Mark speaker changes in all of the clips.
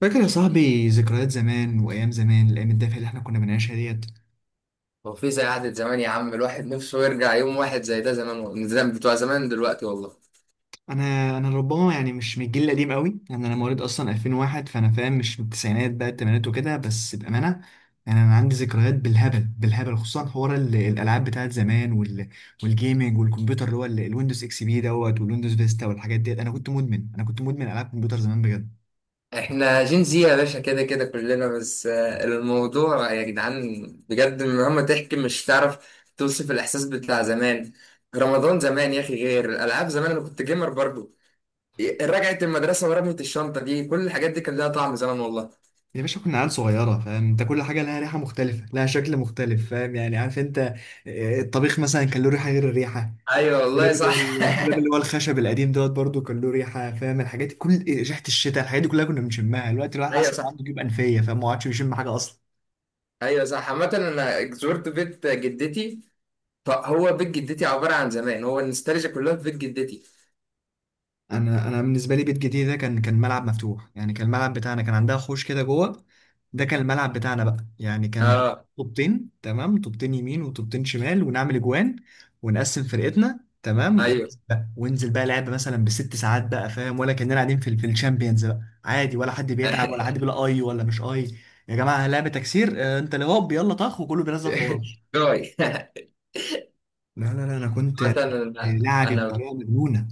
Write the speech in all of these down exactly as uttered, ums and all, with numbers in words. Speaker 1: فاكر يا صاحبي ذكريات زمان وايام زمان، الايام الدافئه اللي احنا كنا بنعيشها ديت.
Speaker 2: هو في زي قعدة زمان يا عم؟ الواحد نفسه يرجع يوم واحد زي ده. زمان والله، زمان بتوع زمان دلوقتي والله.
Speaker 1: انا انا ربما يعني مش من الجيل القديم قوي، يعني انا مواليد اصلا ألفين وواحد، فانا فاهم مش من التسعينات بقى الثمانينات وكده، بس بامانه يعني انا عندي ذكريات بالهبل بالهبل، خصوصا حوار ال- الالعاب بتاعت زمان وال والجيمنج والكمبيوتر اللي هو ال- الويندوز اكس بي دوت والويندوز فيستا والحاجات ديت. انا كنت مدمن انا كنت مدمن العاب كمبيوتر زمان بجد.
Speaker 2: احنا جين زي يا باشا، كده كده كلنا. بس آه، الموضوع يا جدعان بجد مهما تحكي مش تعرف توصف الإحساس بتاع زمان. رمضان زمان يا أخي، غير الألعاب زمان، أنا كنت جيمر برضو. رجعت المدرسة ورمية الشنطة دي، كل الحاجات دي كان لها طعم زمان والله.
Speaker 1: يا باشا كنا عيال صغيرة، فاهم انت؟ كل حاجة لها ريحة مختلفة، لها شكل مختلف، فاهم يعني؟ عارف انت، آه، الطبيخ مثلا كان له ريحه غير الريحه.
Speaker 2: أيوه والله
Speaker 1: الدولاب اللي هو
Speaker 2: صح.
Speaker 1: الدولاب اللي هو الخشب القديم دوت برضو كان له ريحه، فاهم؟ الحاجات دي، كل ريحه الشتاء الحاجات دي كلها كنا بنشمها، الوقت الواحد
Speaker 2: أيوه
Speaker 1: حاسس ان
Speaker 2: صح.
Speaker 1: عنده جيوب انفيه فما عادش بيشم حاجه اصلا.
Speaker 2: أيوه صح. عامة أنا زرت بيت جدتي، فهو بيت جدتي عبارة عن زمان، هو النوستالجيا كلها في بيت جدتي.
Speaker 1: انا انا بالنسبه لي بيت جديد ده كان كان ملعب مفتوح، يعني كان الملعب بتاعنا، كان عندها حوش كده جوه، ده كان الملعب بتاعنا بقى. يعني كان
Speaker 2: اه.
Speaker 1: طوبتين، تمام، طوبتين يمين وطوبتين شمال ونعمل اجوان ونقسم فرقتنا، تمام،
Speaker 2: ايوه.
Speaker 1: وننزل بقى وننزل بقى لعب مثلا بست ساعات بقى، فاهم؟ ولا كاننا قاعدين في ال- في الشامبيونز بقى، عادي، ولا حد بيتعب ولا حد بيقول اي ولا مش اي. يا جماعه لعبه تكسير، آه، انت اللي هوب يلا طخ وكله بينزل في بعض.
Speaker 2: جاي.
Speaker 1: لا لا لا، انا كنت
Speaker 2: عامة انا
Speaker 1: لعبي
Speaker 2: أنا
Speaker 1: بطريقه مجنونه.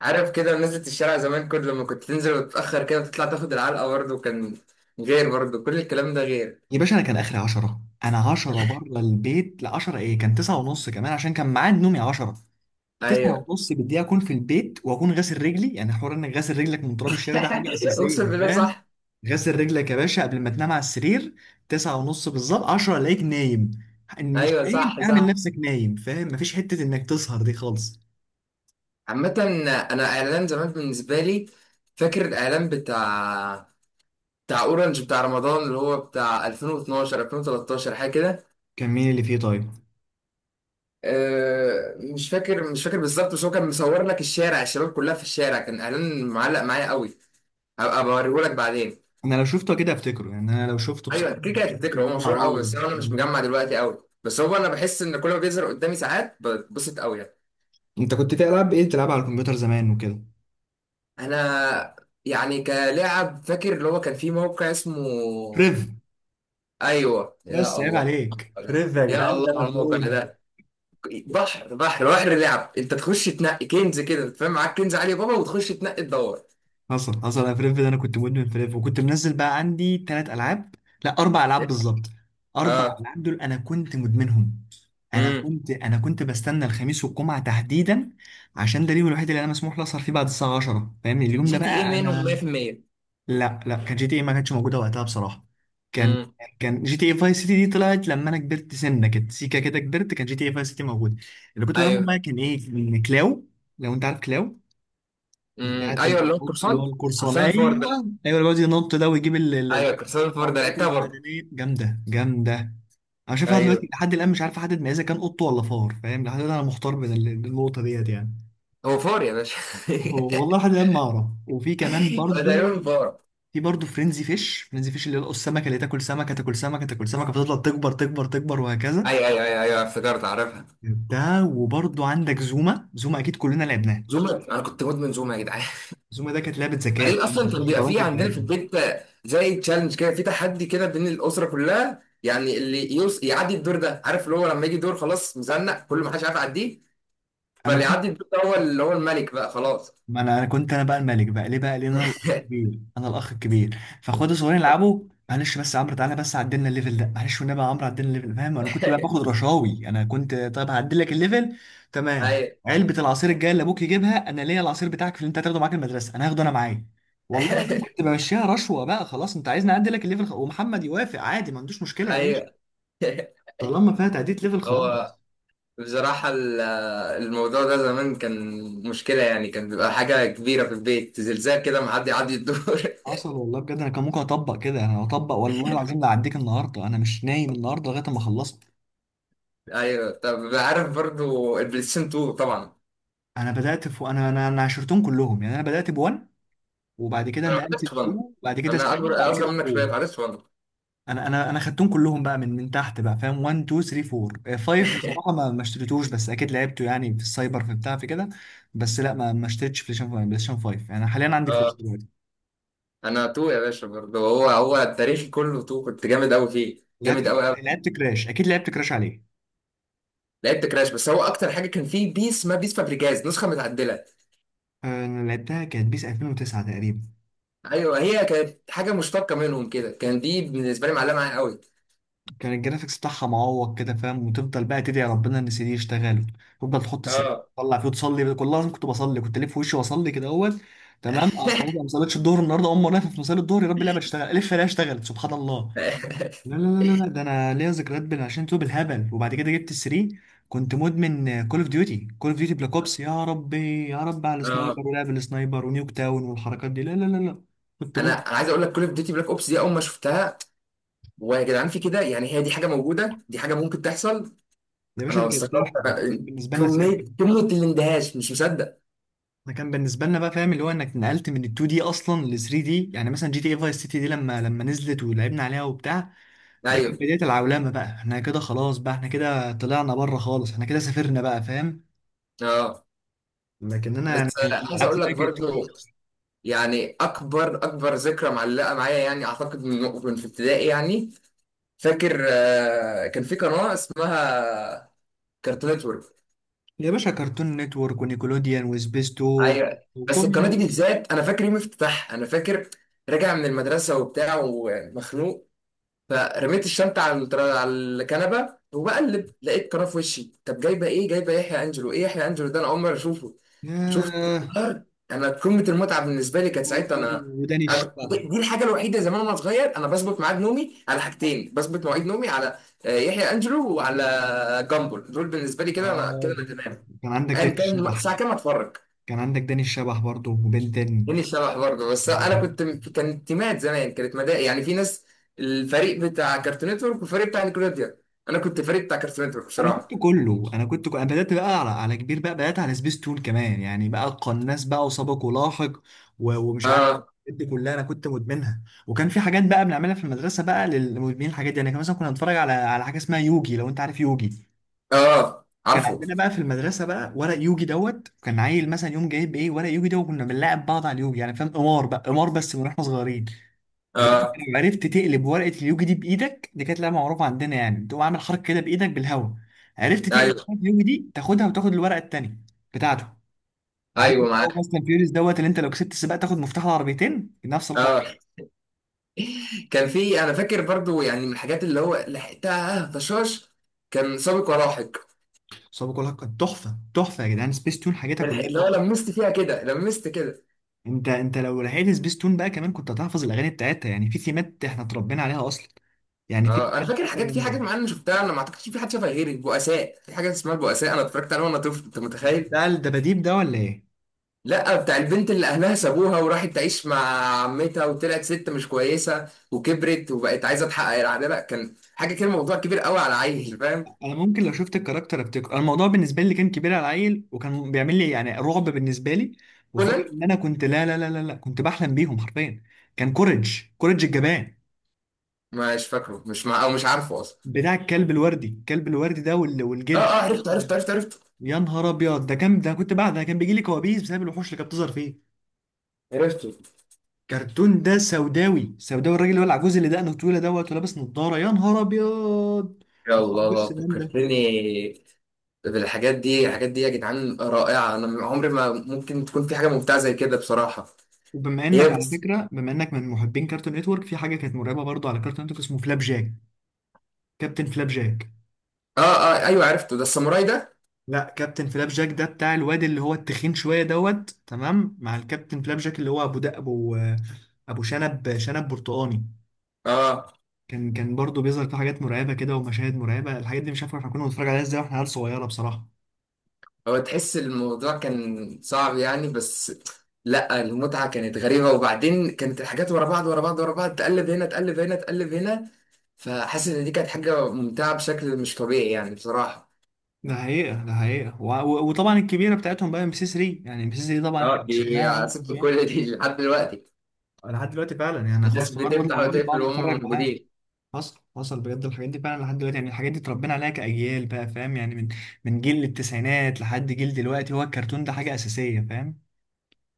Speaker 2: عارف كده نزلة الشارع زمان، كل لما كنت تنزل وتتأخر كده وتطلع تاخد العلقة برضه، كان غير برضه كل الكلام ده غير.
Speaker 1: يا باشا انا كان اخري عشرة، انا عشرة بره البيت ل عشرة، ايه، كان تسعة ونص كمان، عشان كان ميعاد نومي عشرة. تسعة
Speaker 2: ايوه.
Speaker 1: ونص بالدقيقه اكون في البيت واكون غاسل رجلي، يعني حوار انك غاسل رجلك من تراب الشارع ده حاجه اساسيه،
Speaker 2: اقسم بالله
Speaker 1: فاهم؟
Speaker 2: صح.
Speaker 1: غاسل رجلك يا باشا قبل ما تنام على السرير. تسعة ونص بالظبط، عشرة الاقيك نايم. إن مش
Speaker 2: ايوه
Speaker 1: نايم
Speaker 2: صح
Speaker 1: اعمل
Speaker 2: صح.
Speaker 1: نفسك نايم، فاهم؟ مفيش حته انك تسهر دي خالص.
Speaker 2: عامة، انا اعلان زمان بالنسبة لي، فاكر الاعلان بتاع بتاع اورنج بتاع رمضان، اللي هو بتاع ألفين واتناشر ألفين وتلتاشر حاجة كده.
Speaker 1: كان مين اللي فيه طيب؟
Speaker 2: آه، مش فاكر، مش فاكر بالظبط، بس هو كان مصور لك الشارع، الشباب كلها في الشارع، كان اعلان معلق معايا قوي. هبقى بوريهولك بعدين.
Speaker 1: انا لو شفته كده افتكره، يعني انا لو شفته
Speaker 2: ايوه
Speaker 1: بصراحه أنا
Speaker 2: كده كده
Speaker 1: متاكد
Speaker 2: هتفتكره،
Speaker 1: ان
Speaker 2: هو
Speaker 1: انا،
Speaker 2: مشهور قوي،
Speaker 1: اه.
Speaker 2: بس انا مش مجمع دلوقتي قوي، بس هو انا بحس ان كل ما بيظهر قدامي ساعات بتبسط قوي يعني.
Speaker 1: انت كنت في العاب ايه بتلعبها على الكمبيوتر زمان وكده؟
Speaker 2: انا يعني كلاعب فاكر اللي هو كان في موقع اسمه.
Speaker 1: ريف.
Speaker 2: ايوه يا
Speaker 1: بس عيب
Speaker 2: الله.
Speaker 1: عليك، فريف يا
Speaker 2: يا
Speaker 1: جدعان ده
Speaker 2: الله على الموقع
Speaker 1: مجنون.
Speaker 2: ده، بحر بحر بحر لعب، انت تخش تنقي كنز كده فاهم، معاك كنز علي بابا وتخش تنقي تدور.
Speaker 1: حصل حصل، انا فريف ده انا كنت مدمن فريف، وكنت منزل بقى عندي ثلاث العاب، لا اربع العاب بالظبط، اربع
Speaker 2: اه.
Speaker 1: العاب دول انا كنت مدمنهم. انا
Speaker 2: امم
Speaker 1: كنت انا كنت بستنى الخميس والجمعه تحديدا، عشان ده اليوم الوحيد اللي انا مسموح لي اسهر فيه بعد الساعه عشرة، فاهمني؟ اليوم
Speaker 2: جي
Speaker 1: ده
Speaker 2: تي اي
Speaker 1: بقى
Speaker 2: منهم
Speaker 1: انا.
Speaker 2: مية في المية.
Speaker 1: لا لا، كان جي تي اي ما كانتش موجوده وقتها بصراحه. كان
Speaker 2: امم
Speaker 1: كان جي تي اي فاي سيتي دي طلعت لما انا كبرت سنه كده، سيكا كده كبرت كان جي تي اي فاي سيتي موجوده. اللي كنت بلعبهم
Speaker 2: ايوه.
Speaker 1: بقى كان ايه؟ كلاو، لو انت عارف كلاو،
Speaker 2: امم
Speaker 1: بتاعت
Speaker 2: ايوه اللي هو
Speaker 1: النط، اللي هو
Speaker 2: قرصان،
Speaker 1: القرصان،
Speaker 2: قرصان الفار
Speaker 1: ايوه.
Speaker 2: ده.
Speaker 1: ايوه اللي بيقعد ينط ده ويجيب ال-
Speaker 2: ايوه
Speaker 1: ال-
Speaker 2: قرصان الفار ده،
Speaker 1: العملات
Speaker 2: لعبتها برضه.
Speaker 1: المعدنيه، جامده جامده. انا شايف لحد
Speaker 2: ايوه،
Speaker 1: دلوقتي، لحد الان مش عارف احدد ما اذا كان قط ولا فار، فاهم؟ لحد الان انا محتار بين ال- النقطه ديت يعني.
Speaker 2: هو فار يا باشا.
Speaker 1: هو- والله لحد الان ما اعرف. وفي كمان
Speaker 2: هو
Speaker 1: برضو،
Speaker 2: تقريبا فار.
Speaker 1: في برضه فرينزي فيش، فرينزي فيش اللي هو السمكه اللي تاكل سمكه تاكل سمكه تاكل سمكه فتفضل تكبر تكبر تكبر وهكذا.
Speaker 2: ايوه ايوه ايوه ايوه، افتكرت عارفها.
Speaker 1: ده وبرضه عندك زوما، زوما اكيد كلنا لعبناه.
Speaker 2: زوما، انا كنت مدمن زوما يا جدعان.
Speaker 1: زوما ده كانت لعبه ذكاء،
Speaker 2: بعدين اصلا
Speaker 1: كانت
Speaker 2: كان بيبقى
Speaker 1: الشطرنج
Speaker 2: في عندنا
Speaker 1: بتاعتنا.
Speaker 2: في البيت زي تشالنج كده، في تحدي كده بين الاسره كلها يعني، اللي يوص يعدي الدور ده، عارف اللي هو لما يجي دور خلاص مزنق، كل ما حدش عارف يعديه، فاللي
Speaker 1: انا
Speaker 2: يعدي الدور ده هو اللي هو الملك بقى خلاص.
Speaker 1: ما انا انا كنت انا بقى الملك بقى، ليه بقى؟ لان انا الاخ الكبير، انا الاخ الكبير، فاخواتي الصغيرين يلعبوا. معلش بس يا عمرو، تعالى بس عدلنا الليفل ده، معلش والنبي يا عمرو عدلنا الليفل، فاهم؟ انا كنت بقى باخد رشاوي، انا كنت طيب هعدل لك الليفل، تمام.
Speaker 2: ايوه.
Speaker 1: علبه العصير الجايه اللي ابوك يجيبها انا ليا، العصير بتاعك في اللي انت هتاخده معاك المدرسه انا هاخده انا معايا. والله العظيم كنت بمشيها رشوه بقى، خلاص انت عايزني اعدل لك الليفل، خ- ومحمد يوافق عادي، ما عندوش مشكله يا باشا،
Speaker 2: ايوه.
Speaker 1: طالما فيها تعديل ليفل،
Speaker 2: هو
Speaker 1: خلاص.
Speaker 2: بصراحة ال- الموضوع ده زمان كان مشكلة يعني، كان بيبقى حاجة كبيرة في البيت، زلزال كده معدي عدي الدور.
Speaker 1: حصل والله بجد، انا كان ممكن اطبق كده، انا اطبق والله العظيم، لا اعديك النهارده، انا مش نايم النهارده لغايه ما خلصت.
Speaker 2: أيوة، طب عارف برضو البلاي ستيشن اتنين طبعا.
Speaker 1: انا بدات في انا انا انا عشرتهم كلهم يعني، انا بدات ب1، وبعد كده
Speaker 2: أنا ما
Speaker 1: نقلت
Speaker 2: عرفتش
Speaker 1: ل2،
Speaker 2: ون.
Speaker 1: بعد كده
Speaker 2: أنا
Speaker 1: تلاتة،
Speaker 2: أكبر،
Speaker 1: بعد
Speaker 2: أصغر
Speaker 1: كده
Speaker 2: منك
Speaker 1: اربعة.
Speaker 2: شوية، ما عرفتش ون.
Speaker 1: انا انا انا خدتهم كلهم بقى من من تحت بقى، فاهم؟ واحد، اتنين، ثلاثة، أربعة، خمسة. بصراحه ما ما اشتريتوش، بس اكيد لعبته يعني، في السايبر، في بتاع، في كده. بس لا ما ما اشتريتش بلاي ستيشن خمسة. بلاي ستيشن خمسة، انا حاليا عندي أربعة
Speaker 2: آه،
Speaker 1: دلوقتي.
Speaker 2: أنا اتنين يا باشا برضو، هو هو التاريخ كله اتنين، كنت جامد أوي فيه، جامد
Speaker 1: لعبت
Speaker 2: أوي أوي.
Speaker 1: لعبت كراش، اكيد لعبت كراش عليه.
Speaker 2: لعبت كراش، بس هو أكتر حاجة كان فيه بيس ما بيس فابريجاز، نسخة متعدلة.
Speaker 1: آه، انا لعبتها كانت بيس ألفين و تسعة تقريبا.
Speaker 2: أيوة، هي كانت حاجة مشتقة منهم كده، كان دي بالنسبة لي معلقة معايا أوي.
Speaker 1: كان الجرافيكس بتاعها معوق كده، فاهم؟ وتفضل بقى تدعي ربنا ان سي دي يشتغل، تفضل تحط سي دي
Speaker 2: اه.
Speaker 1: تطلع فيه وتصلي، كل لازم كنت بصلي، كنت الف وشي واصلي كده اول، تمام أنا خلاص، أنا ما صليتش الظهر النهارده اقوم وانا واقف في مصلي الظهر، يا رب اللعبه تشتغل، الف الاقيها اشتغلت، سبحان الله. لا لا لا لا لا، ده انا ليا ذكريات بال- عشان تو بالهبل، وبعد كده جبت السري، كنت مدمن كول اوف ديوتي. كول اوف ديوتي بلاك اوبس، يا ربي يا رب على
Speaker 2: اه،
Speaker 1: السنايبر ولعب السنايبر ونيوك تاون والحركات دي، لا لا لا لا كنت
Speaker 2: انا
Speaker 1: مدمن.
Speaker 2: عايز اقول لك كل اوف ديوتي بلاك اوبس دي اول ما شفتها، ويا جدعان في كده يعني؟ هي دي حاجه موجوده، دي حاجه ممكن تحصل؟
Speaker 1: يا باشا
Speaker 2: انا
Speaker 1: دي كانت
Speaker 2: استغربت،
Speaker 1: سحر، كانت بالنسبه لنا سحر،
Speaker 2: كميه كميه الاندهاش، مش مصدق.
Speaker 1: انا كان بالنسبه لنا بقى، فاهم؟ اللي هو انك نقلت من ال اتنين دي اصلا ل ثلاتة دي، يعني مثلا جي تي اي فايس سيتي دي لما لما نزلت ولعبنا عليها وبتاع، ده كانت
Speaker 2: ايوه.
Speaker 1: بدايه العولمه بقى، احنا كده خلاص بقى، احنا كده طلعنا بره خالص، احنا كده سافرنا بقى، فاهم؟
Speaker 2: اه.
Speaker 1: لكن انا يعني
Speaker 2: بس آه،
Speaker 1: كانت
Speaker 2: عايز
Speaker 1: الالعاب
Speaker 2: اقول
Speaker 1: كلها
Speaker 2: لك
Speaker 1: كانت اتنين دي
Speaker 2: برضو
Speaker 1: اصلا.
Speaker 2: يعني، اكبر اكبر ذكرى معلقه معايا يعني، اعتقد من من في ابتدائي يعني، فاكر آه، كان في قناه اسمها كارتون نتورك.
Speaker 1: يا باشا كرتون نتورك ونيكولوديان وسبيستو
Speaker 2: ايوه. بس القناه
Speaker 1: وكل.
Speaker 2: دي بالذات انا فاكر يوم افتتاحها، انا فاكر راجع من المدرسه وبتاع ومخنوق، فرميت الشنطه على التر- على الكنبه، وبقلب لقيت قناه في وشي، طب جايبه ايه؟ جايبه يحيى انجلو، ايه يحيى انجلو ده، انا اول مره اشوفه، شفت
Speaker 1: ياه،
Speaker 2: القرار؟ انا قمه المتعه بالنسبه لي كانت ساعتها.
Speaker 1: وداني
Speaker 2: انا
Speaker 1: وداني
Speaker 2: أنا كنت-
Speaker 1: الشبح.
Speaker 2: دي الحاجه الوحيده زمان وانا صغير، انا بظبط ميعاد نومي على حاجتين، بظبط مواعيد نومي على آه، يحيى انجلو وعلى جامبل، دول بالنسبه لي كده انا كده
Speaker 1: اه،
Speaker 2: انا تمام.
Speaker 1: كان عندك
Speaker 2: ايا
Speaker 1: داني
Speaker 2: كان
Speaker 1: الشبح،
Speaker 2: الساعه كام اتفرج.
Speaker 1: كان عندك داني الشبح برضه، وبنتن.
Speaker 2: جيني شبح برضه، بس انا كنت، كانت تيمات زمان، كانت مدارس يعني، في ناس الفريق بتاع كارتون نتورك والفريق بتاع نيكلوديا، انا كنت فريق بتاع كارتون نتورك
Speaker 1: انا كنت
Speaker 2: بصراحه.
Speaker 1: كله انا كنت انا بدات بقى على على كبير بقى، بدات على سبيس تون كمان، يعني بقى قناص بقى، وسابق ولاحق، و- ومش عارف،
Speaker 2: اه.
Speaker 1: الحاجات دي كلها انا كنت مدمنها. وكان في حاجات بقى بنعملها في المدرسه بقى للمدمنين الحاجات دي، يعني كان مثلا كنا نتفرج على على حاجه اسمها يوجي، لو انت عارف يوجي.
Speaker 2: اه
Speaker 1: كان
Speaker 2: عارفه.
Speaker 1: عندنا بقى في المدرسه بقى ورق يوجي دوت، كان عيل مثلا يوم جايب ايه ورق يوجي ده، وكنا بنلاعب بعض على اليوجي يعني، فاهم؟ قمار بقى، قمار بس من واحنا صغيرين. لو انت
Speaker 2: اه.
Speaker 1: لو عرفت تقلب ورقه اليوجي دي بايدك، دي كانت لعبه معروفه عندنا يعني، بتقوم عامل حركه كده بايدك بالهواء، عرفت تقلب
Speaker 2: ايوه.
Speaker 1: ورقه اليوجي دي تاخدها وتاخد الورقه التانيه بتاعته. عارف
Speaker 2: ايوه
Speaker 1: انت هو
Speaker 2: معاك.
Speaker 1: فاست اند فيوريوس دوت، اللي انت لو كسبت السباق تاخد مفتاح العربيتين، نفس الحوار.
Speaker 2: اه. كان في، انا فاكر برضو يعني من الحاجات اللي هو لحقتها طشاش، كان سابق ولاحق.
Speaker 1: صعب كلها كانت تحفه، تحفه يا جدعان، سبيس تون حاجاتها
Speaker 2: بلحق-
Speaker 1: كلها
Speaker 2: اللي هو
Speaker 1: تحفه.
Speaker 2: لمست فيها كده، لمست كده.
Speaker 1: انت انت لو لحقت سبيس تون بقى كمان كنت هتحفظ الاغاني بتاعتها، يعني في ثيمات احنا اتربينا عليها اصلا، يعني في
Speaker 2: اه انا
Speaker 1: ثيمات
Speaker 2: فاكر حاجات، في
Speaker 1: مثلا.
Speaker 2: حاجات معينه شفتها انا ما اعتقدش في حد شافها غيري، البؤساء، في حاجه اسمها البؤساء، انا اتفرجت عليها وانا طفل، انت متخيل؟
Speaker 1: بتاع الدباديب ده ولا ايه؟
Speaker 2: لا، بتاع البنت اللي اهلها سابوها وراحت تعيش مع عمتها، وطلعت ست مش كويسه، وكبرت وبقت عايزه تحقق العداله، كان حاجه كده موضوع كبير قوي على عيل فاهم.
Speaker 1: انا ممكن لو شفت الكاركتر افتكر، أنا الموضوع بالنسبه لي كان كبير على العيل، وكان بيعمل لي يعني رعب بالنسبه لي، وفاكر
Speaker 2: كونان.
Speaker 1: ان انا كنت، لا لا لا لا لا، كنت بحلم بيهم حرفيا. كان كوريج، كوريج الجبان.
Speaker 2: مش فاكره، مش مع او مش عارفه اصلا.
Speaker 1: بتاع الكلب الوردي، الكلب الوردي ده، وال-
Speaker 2: اه
Speaker 1: والجد.
Speaker 2: اه، عرفت عرفت عرفت عرفت.
Speaker 1: يا نهار ابيض، ده كان، ده كنت، بعد ده كان بيجي لي كوابيس بسبب الوحوش اللي كانت بتظهر فيه.
Speaker 2: عرفته.
Speaker 1: كرتون ده سوداوي سوداوي، الراجل اللي هو العجوز اللي دقنه طويله دوت ولابس نضاره، يا نهار ابيض،
Speaker 2: يا
Speaker 1: ما عندوش
Speaker 2: الله
Speaker 1: سنان.
Speaker 2: فكرتني بالحاجات دي، الحاجات دي يا جدعان رائعه، انا عمري ما ممكن تكون في حاجه ممتعه زي كده بصراحه.
Speaker 1: وبما
Speaker 2: هي
Speaker 1: انك على
Speaker 2: بس.
Speaker 1: فكره، بما انك من محبين كارتون نتورك، في حاجه كانت مرعبه برضو على كارتون نتورك اسمه فلاب جاك، كابتن فلاب جاك.
Speaker 2: اه اه ايوه عرفته، ده الساموراي ده.
Speaker 1: لا كابتن فلاب جاك ده بتاع الواد اللي هو التخين شويه دوت، تمام، مع الكابتن فلاب جاك اللي هو ابو ده، ابو ابو شنب، شنب برتقاني.
Speaker 2: اه.
Speaker 1: كان كان برضو بيظهر في حاجات مرعبه كده ومشاهد مرعبه، الحاجات دي مش عارف احنا كنا بنتفرج عليها ازاي واحنا عيال صغيره بصراحه.
Speaker 2: هو تحس الموضوع كان صعب يعني، بس لا المتعة كانت غريبة، وبعدين كانت الحاجات ورا بعض ورا بعض ورا بعض، تقلب هنا تقلب هنا تقلب هنا، فحاسس ان دي كانت حاجة ممتعة بشكل مش طبيعي يعني بصراحة.
Speaker 1: ده حقيقه، ده حقيقه، و... و... وطبعا الكبيره بتاعتهم بقى ام سي تلاتة، يعني ام سي تلاتة طبعا
Speaker 2: اه،
Speaker 1: احنا
Speaker 2: دي
Speaker 1: كسبناها بقى من
Speaker 2: سبت
Speaker 1: زمان.
Speaker 2: كل دي لحد دلوقتي،
Speaker 1: لحد دلوقتي فعلا يعني،
Speaker 2: الناس
Speaker 1: خلاص الحوار برضه
Speaker 2: بتفتح
Speaker 1: بيقول لي بقعد
Speaker 2: وتقفل وهم
Speaker 1: اتفرج معاه.
Speaker 2: موجودين.
Speaker 1: حصل حصل بجد، الحاجات دي فعلا لحد دلوقتي، يعني الحاجات دي اتربينا عليها كأجيال بقى، فاهم؟ يعني من من جيل التسعينات لحد جيل دلوقتي هو الكرتون ده حاجة أساسية، فاهم؟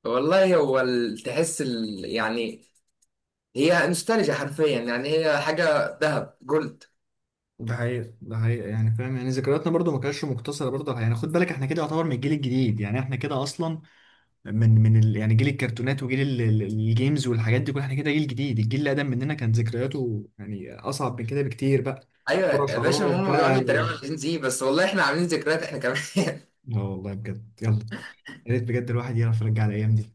Speaker 2: والله هو ال- تحس ال... يعني، هي نوستالجيا حرفيا يعني، هي حاجة ذهب جولد.
Speaker 1: ده حقيقة، ده حقيقة، يعني فاهم؟ يعني ذكرياتنا برضو ما كانتش مقتصرة برضو على- يعني خد بالك احنا كده يعتبر من الجيل الجديد، يعني احنا كده أصلا من من ال... يعني جيل الكرتونات وجيل ال... ال- الجيمز والحاجات دي كلها، احنا كده جيل جديد، الجيل اللي أقدم مننا كان ذكرياته يعني أصعب من كده بكتير بقى.
Speaker 2: ايوه
Speaker 1: كرة
Speaker 2: يا باشا،
Speaker 1: شراب
Speaker 2: هم
Speaker 1: بقى
Speaker 2: بيقعدوا يتريقوا
Speaker 1: و-
Speaker 2: على الجين زي، بس والله احنا عاملين ذكريات احنا كمان.
Speaker 1: لا والله بجد، يلا، يا ريت بجد الواحد يعرف يرجع الأيام دي.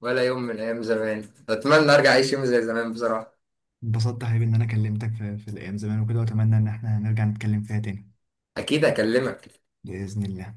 Speaker 2: ولا يوم من ايام زمان اتمنى ارجع اعيش يوم زي زمان بصراحه.
Speaker 1: انبسطت يا حبيبي ان انا كلمتك في, في الايام زمان وكده، واتمنى ان احنا نرجع نتكلم فيها تاني،
Speaker 2: اكيد اكلمك.
Speaker 1: بإذن الله.